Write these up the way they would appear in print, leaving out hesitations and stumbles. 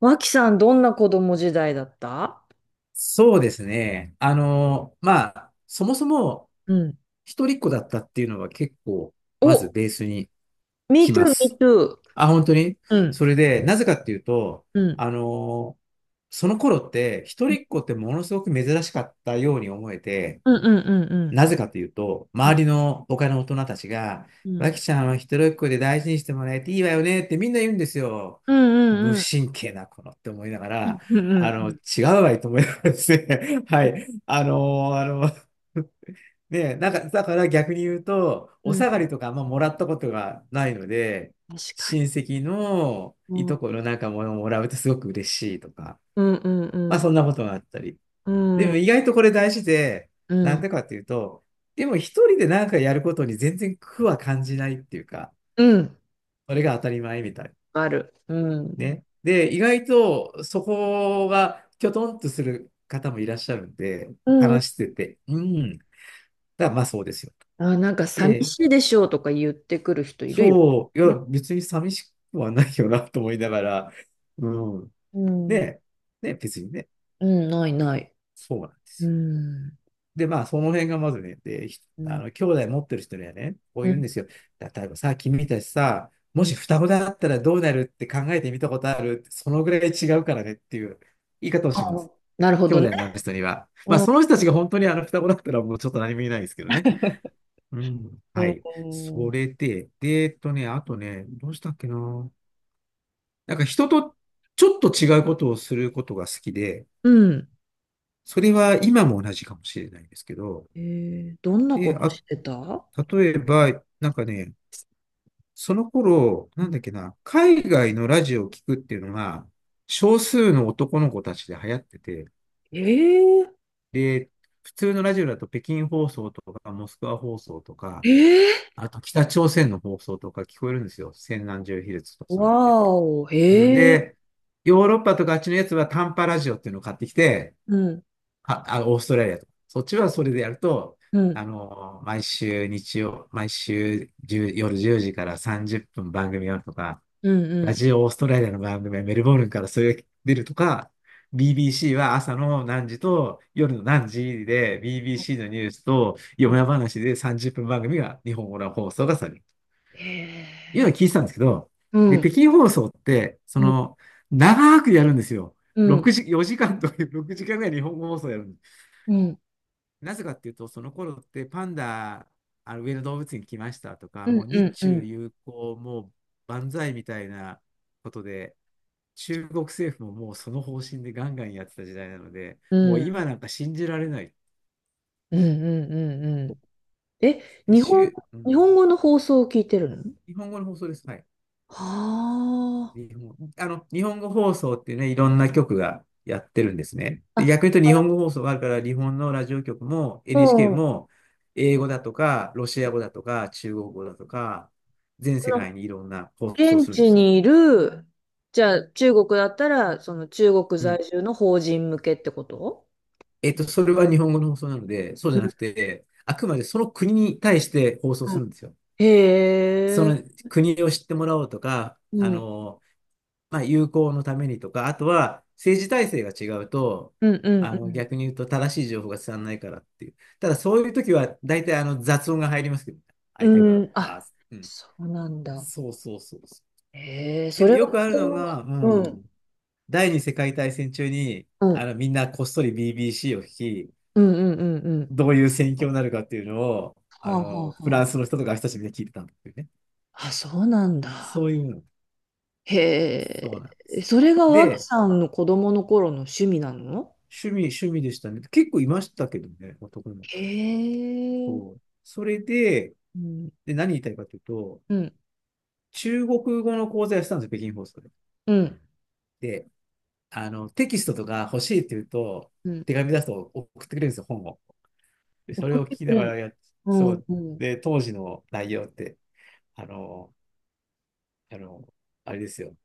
脇さん、どんな子供時代だった？そうですね。まあ、そもそもうん。一人っ子だったっていうのは結構、まずお。ベースに me 来 too, ま me す。too. あ、本当にうん、それで、なぜかっていうと、うん、あの、その頃って一うん、人っ子ってものすごく珍しかったように思えて、うん。うん、うん、なぜかというと、周りの他の大人たちが、うん、わきちゃんは一人っ子で大事にしてもらえていいわよねってみんな言うんですよ。うん、う無ん、うん、神経な子のって思いながら、うん、うん。違うわいと思いながらですね。はい。ーあの、ね、なんか、だから逆に言うと、うおんう下がん。りとかあんまもらったことがないので、確か親に。戚のういとん、このなんかものをもらうとすごく嬉しいとか、うん、うまあん、そんなことがあったり。うでん、うん、も意外とこれ大事で、うなんん。でかっていうと、でも一人で何かやることに全然苦は感じないっていうか、それが当たり前みたい。ある。うん。ね。で、意外とそこがきょとんとする方もいらっしゃるんで、うん、うん。話してて、うん。だからまあそうですよ。あ、なんか寂で、しいでしょうとか言ってくる人いるよ。そう、いや、ね。別に寂しくはないよなと思いながら、うん。うん、ね、ね、別にね、うん。ないない。そうなんでうすよ。ん、で、まあ、その辺がまずね、で、ひうあん、の、兄弟持ってる人にはね、こうう言うんん、ですよ。例えばさ、君たちさ、うもん。し双子だったらどうなるって考えてみたことあるそのぐらい違うからねっていう言い方をしまあ、す。なるほ兄どね。弟になる人には。まあ、うん、その人たちが本当に双子だったらもうちょっと何も言えないですけどね。うん。うはい。そん。れで、で、あとね、どうしたっけな。なんか人とちょっと違うことをすることが好きで、うん。それは今も同じかもしれないですけど、えー、どんなこで、としてた？例えば、なんかね、その頃、うなんん。だっけな、海外のラジオを聞くっていうのが、少数の男の子たちで流行ってて、えー、で、普通のラジオだと北京放送とか、モスクワ放送とか、えあと北朝鮮の放送とか聞こえるんですよ。千何十ヒルツとかー、そわれーで。お、うんえー、で、ヨーロッパとかあっちのやつは短波ラジオっていうのを買ってきて、うん、オーストラリアとか。そっちはそれでやると、うん、毎週日曜、毎週1夜10時から30分番組やるとか、うラん、ジオオーストラリアの番組はメルボルンからそれが出るとか、BBC は朝の何時と夜の何時で BBC のニュースとうよん。や話で30分番組が日本語の放送がされる。いうのえを聞いてたんですけど、ー、うで、ん、北京放送って、そうん、の、長くやるんですよ。うん、6時、4時間とか6時間ぐらい日本語放送やるんです。うん、なぜかっていうと、その頃ってパンダ、あの上野動物園来ましたとか、うん、もううん、日うん、う中ん、友好、もう万歳みたいなことで、中国政府ももうその方針でガンガンやってた時代なので、うもうん、今なんか信じられない。うんうんうん。え、で、日本、週、う日ん、本語の放送を聞いてるの？日本語の放送です。はい。は日本語放送ってね、いろんな局がやってるんですね。あ、であ、逆に言うと日本語放送があるから、日本のラジオ局も NHK もう、も英語だとか、ロシア語だとか、中国語だとか、全そ世の、界にいろんな放送を現するんで地すよ。にいる、じゃあ、中国だったら、その中国うん。在住の法人向けってこと？えっと、それは日本語の放送なので、そううじゃなくん。て、あくまでその国に対して放送するんですよ。へそのえ、国を知ってもらおうとか、うん、うん、まあ、友好のためにとか、あとは政治体制が違うと、うん、逆に言うと正しい情報が伝わらないからっていう。ただそういう時は大体あの雑音が入りますけど、う相手側ん、うがん。バーあ、ッうん。そうなんだ。そうそうそうそう。へえ、でそもれがよ子くあるのが、供。ううん、ん、第二次世界大戦中にうん、みんなこっそり BBC を聞き、うん、うん、うん、うん。どういう戦況になるかっていうのを、はああ、はのあ、フラはンスの人とか私たちみんな聞いてたんだっていうね。あ。あ、そうなんそうだ。いうの。へそうなんでえ、す。それが脇で、さんの子供の頃の趣味なの？趣味でしたね。結構いましたけどね、男の子。へそえ、う。それで、うん、で、何言いたいかというと、うん、中国語の講座やってたんですよ、北京放送で。うん、で、テキストとか欲しいって言うと、うん。手紙出すと送ってくれるんですよ、本を。で、それ送っを聞てきくなれるがの？らやっ、うそん、う。うん。で、当時の内容って、あの、あの、あれですよ。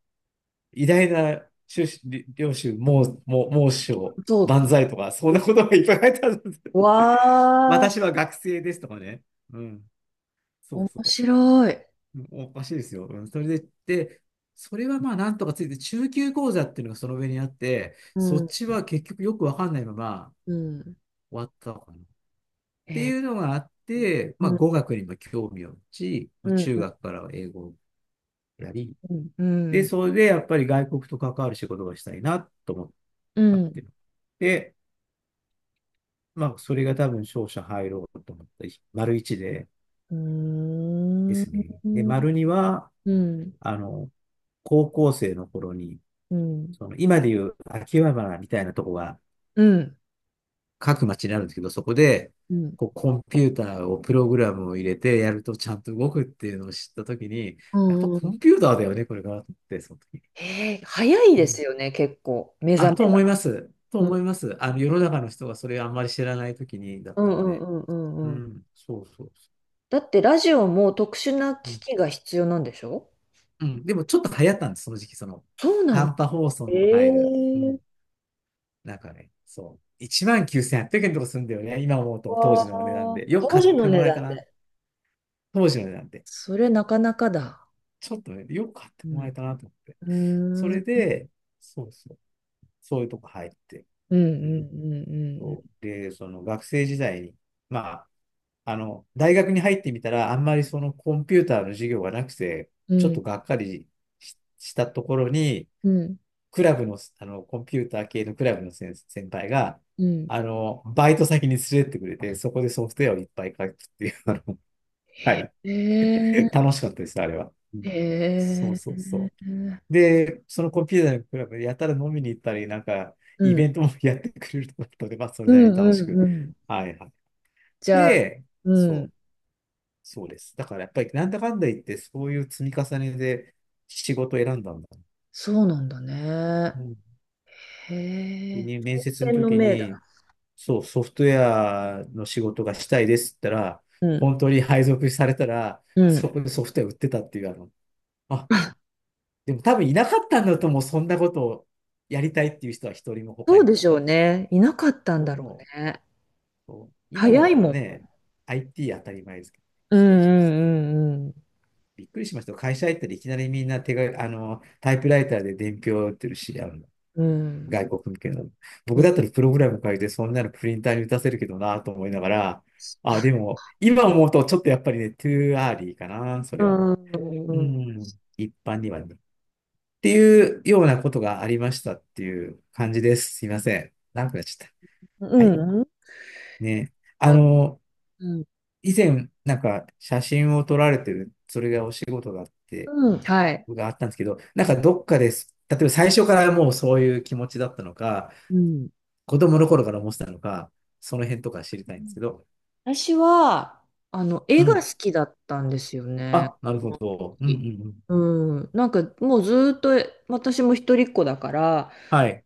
偉大な宗主領主、もう、もう師匠、そ万歳とか、そんう。なことがいっぱい書いてあるんです。わ あ、私は学生ですとかね。うん。そう面そう。白い。おかしいですよ。うんそれで、で、それはまあなんとかついて、中級講座っていうのがその上にあって、うそっん、ちは結局よくわかんないままうん。終わったのかな。っへてえいうのがあって、まあ語ー。学にも興味を持ち、うまあん中うん学からは英語をやり、うで、んそれでやっぱり外国と関わる仕事がしたいなと思ってうかん。っうん。ていうの。で、まあ、それが多分勝者入ろうと思ったり、丸1でうでーすん。ね。で、丸2は、うん。あの、高校生の頃に、うん。うん。その今でいう秋葉原みたいなとこがうん各町にあるんですけど、そこで、うんこうコンピューターをプログラムを入れてやるとちゃんと動くっていうのを知ったときに、やっぱうコん。ンピューターだよね、これがって、その時に。えー、早いうでんすよね、結構、目あ、覚とめが。思います。とう思んいます。世の中の人がそれをあんまり知らないときにだうったんうので。んううんうん。ん、そうそうそだってラジオも特殊なう。う機ん器が必要なんでしょ？うん。でもちょっと流行ったんです、その時期、その、そうなの。短波放送えの入る。うー、ん。なんかね、そう。19,800円とかするんだよね。今思うと、当わ時の値段ー、で。よく当買っ時のても値らえた段な。で。当時の値段で。それなかなかだ。ちょっとね、よく買ってうもらえたなと思って。そん。うれーん。で、そうそう。そういうとこ入って。うんううん。んそうで、その学生時代に、まあ、大学に入ってみたら、あんまりそのコンピューターの授業がなくて、うんうちょっんうん。とがっかりししたところに、うん。クラブの、コンピューター系のクラブの先輩が、うん。うん。バイト先に連れてってくれて、そこでソフトウェアをいっぱい書くっていう、あの、はい。へえ、楽しかったです、あれは。うへんそうえ。うそうそん。う。で、そのコンピューターのクラブでやたら飲みに行ったり、なんか、うイんベントもやってくれるとこだったので、まあ、それうなりに楽しんく。うん。はいはい。じゃあ。で、うそう、ん。そうです。だからやっぱり、なんだかんだ言って、そういう積み重ねで仕事を選んだんだ。そうなんだね。うんへでえ。ね面接の天の時命だ。に、そう、ソフトウェアの仕事がしたいですって言ったら、うん。本当に配属されたら、うん。そこでソフトウェア売ってたっていう、あの、あ、でも多分いなかったんだと思う、そんなことをやりたいっていう人は一人もそ他うにでしは。ょうね。いなかったんだろ思う。うね。そう今だ早っいたもらん。ね、IT 当たり前ですけど、うそうそうそんうう。んびっくりしました。会社入ったらいきなりみんな手が、タイプライターで伝票を打ってるし、うんう外ん。国向けの。う僕ん。だったらプログラム書いて、そんなのプリンターに打たせるけどなと思いながら、あ、でも、今思うとちょっとやっぱりね、トゥーアーリーかな、そうれは。ん。ううん。ん、一般にはね。っていうようなことがありましたっていう感じです。すいません。長くなっちゃっうた。はい。ん。ね。あうの、ん。以前、なんか写真を撮られてる、それがお仕事だって、うん。はい。があったんですけど、なんかどっかです。例えば最初からもうそういう気持ちだったのか、うん。子供の頃から思ってたのか、その辺とか知りたいんですけど。私は、う絵がん。好きだったんですよね。あ、な子るほ供のど。うんう時。んうん。うん。なんかもうずーっと、私も一人っ子だから、はい。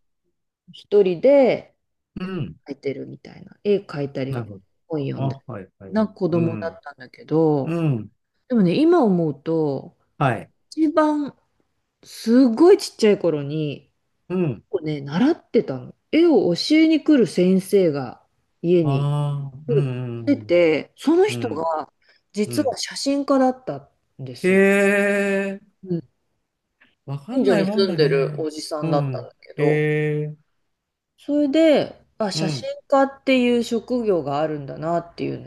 一人でうん。描いてるみたいな。絵描いたり、なるほど。本読んだあ、はいはり。い。な子う供だん。ったんだけど、うん。でもね、今思うと、はい。一番、すごいちっちゃい頃に、うん。こうね、習ってたの。絵を教えに来る先生が家あにあ、うでんうんて、そのうん。う人ん。がう実はん。写真家だった。へえ、うん。わか近ん所ないにもん住んだでるね。おじさうんだったんん。だけへど、え、それで、あ、う写真ん。家っていう職業があるんだなっていう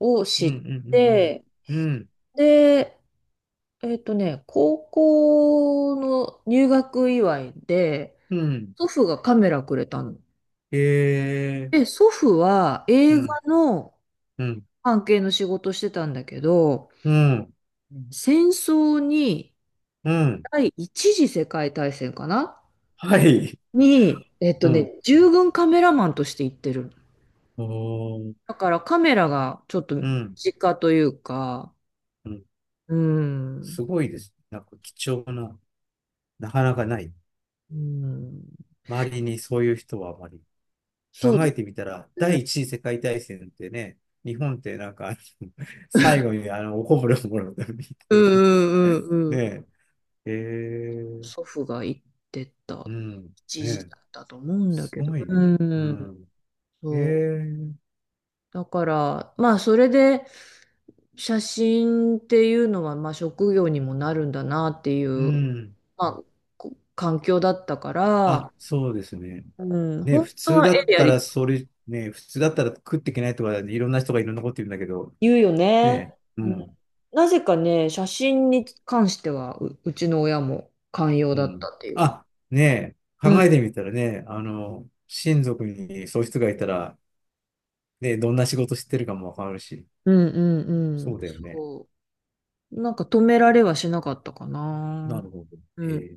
のをう知んうっんて、うんうん。で、高校の入学祝いで、うん。うん。祖父がカメラくれたの。へえ、で、祖父はう映画ん。のうん。関係の仕事してたんだけど、うん。うん、戦争に、うん。第一次世界大戦かなはい。に、うん。従軍カメラマンとして行ってる。おー。だからカメラがちょっとう身ん。近というか、うん、うん、すごいです。なんか貴重な、なかなかない。うん、周りにそういう人はあまり。そう考でえてみたら、すね。第一次世界大戦ってね、日本ってなんか、最後 におこぼれをもらうためにう行くの んうんう んうん。ねえ、えー、祖父が行ってたうん、ね一時え、だったと思うんだすけど。ごいうね。うん、ん、えそう。ー、だから、まあ、それで、写真っていうのは、まあ、職業にもなるんだなっていうう、ん。まあ、こ環境だったから、あ、そうですね。うん、ね、本普当通はだ絵っでやたりたら、い。それ、ね、普通だったら食っていけないとか、いろんな人がいろんなこと言うんだけど、言うよね。ね、ううん、ん。なぜかね、写真に関してはう、うちの親も寛容うだっん。たっていう。あ、ねえ、う考ん、えてみたらね、親族にそういう人がいたら、ね、どんな仕事してるかもわかるし、うん、うん、うそん。うだよね。そう。なんか止められはしなかったかなるな。ほど。へうん。え。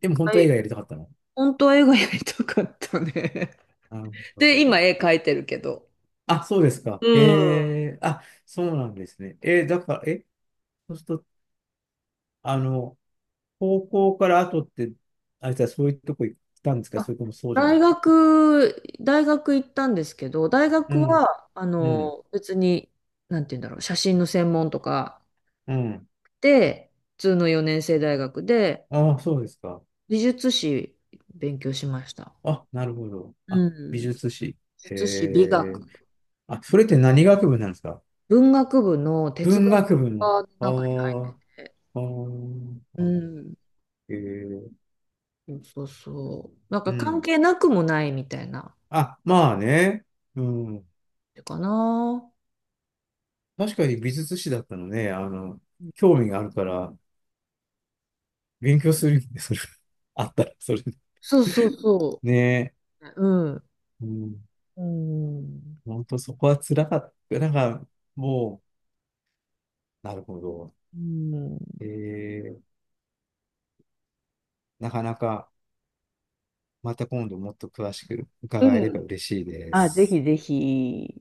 でも本は当は映い。画やりたかったの？本当は絵がやりたかったね。なる ほで、ど。今絵描いてるけど。あ、そうですか。うへん。え。あ、そうなんですね。だから、え、そうすると、あの、高校から後って、あいつはそういうとこ行ったんですか、あ、それともそうじゃな大くて。学、大学行ったんですけど、大う学ん、は、うん、別に、なんて言うんだろう、写真の専門とかうん。で、普通の4年生大学で、ああ、そうですか。美術史勉強しました。あ、なるほど。あ、う美ん。美術史。へ術史、美学、え。あ、それって何学部なんですか？文学部の哲文学学部の。科のあ中にーあって、あー、なるうほど。ん。えー、そうそう。なんうか関ん。係なくもないみたいな、あ、まあね。うん。かな。確かに美術史だったのね。興味があるから、勉強するんで、それ。あったら、それ。そうそうそねう。うん。え。うん。うん。本当そこは辛かった。なんか、もう、なるほど。うん。えー、なかなか、また今度もっと詳しくう伺えれん。ば嬉しいであ、ぜひす。ぜひ。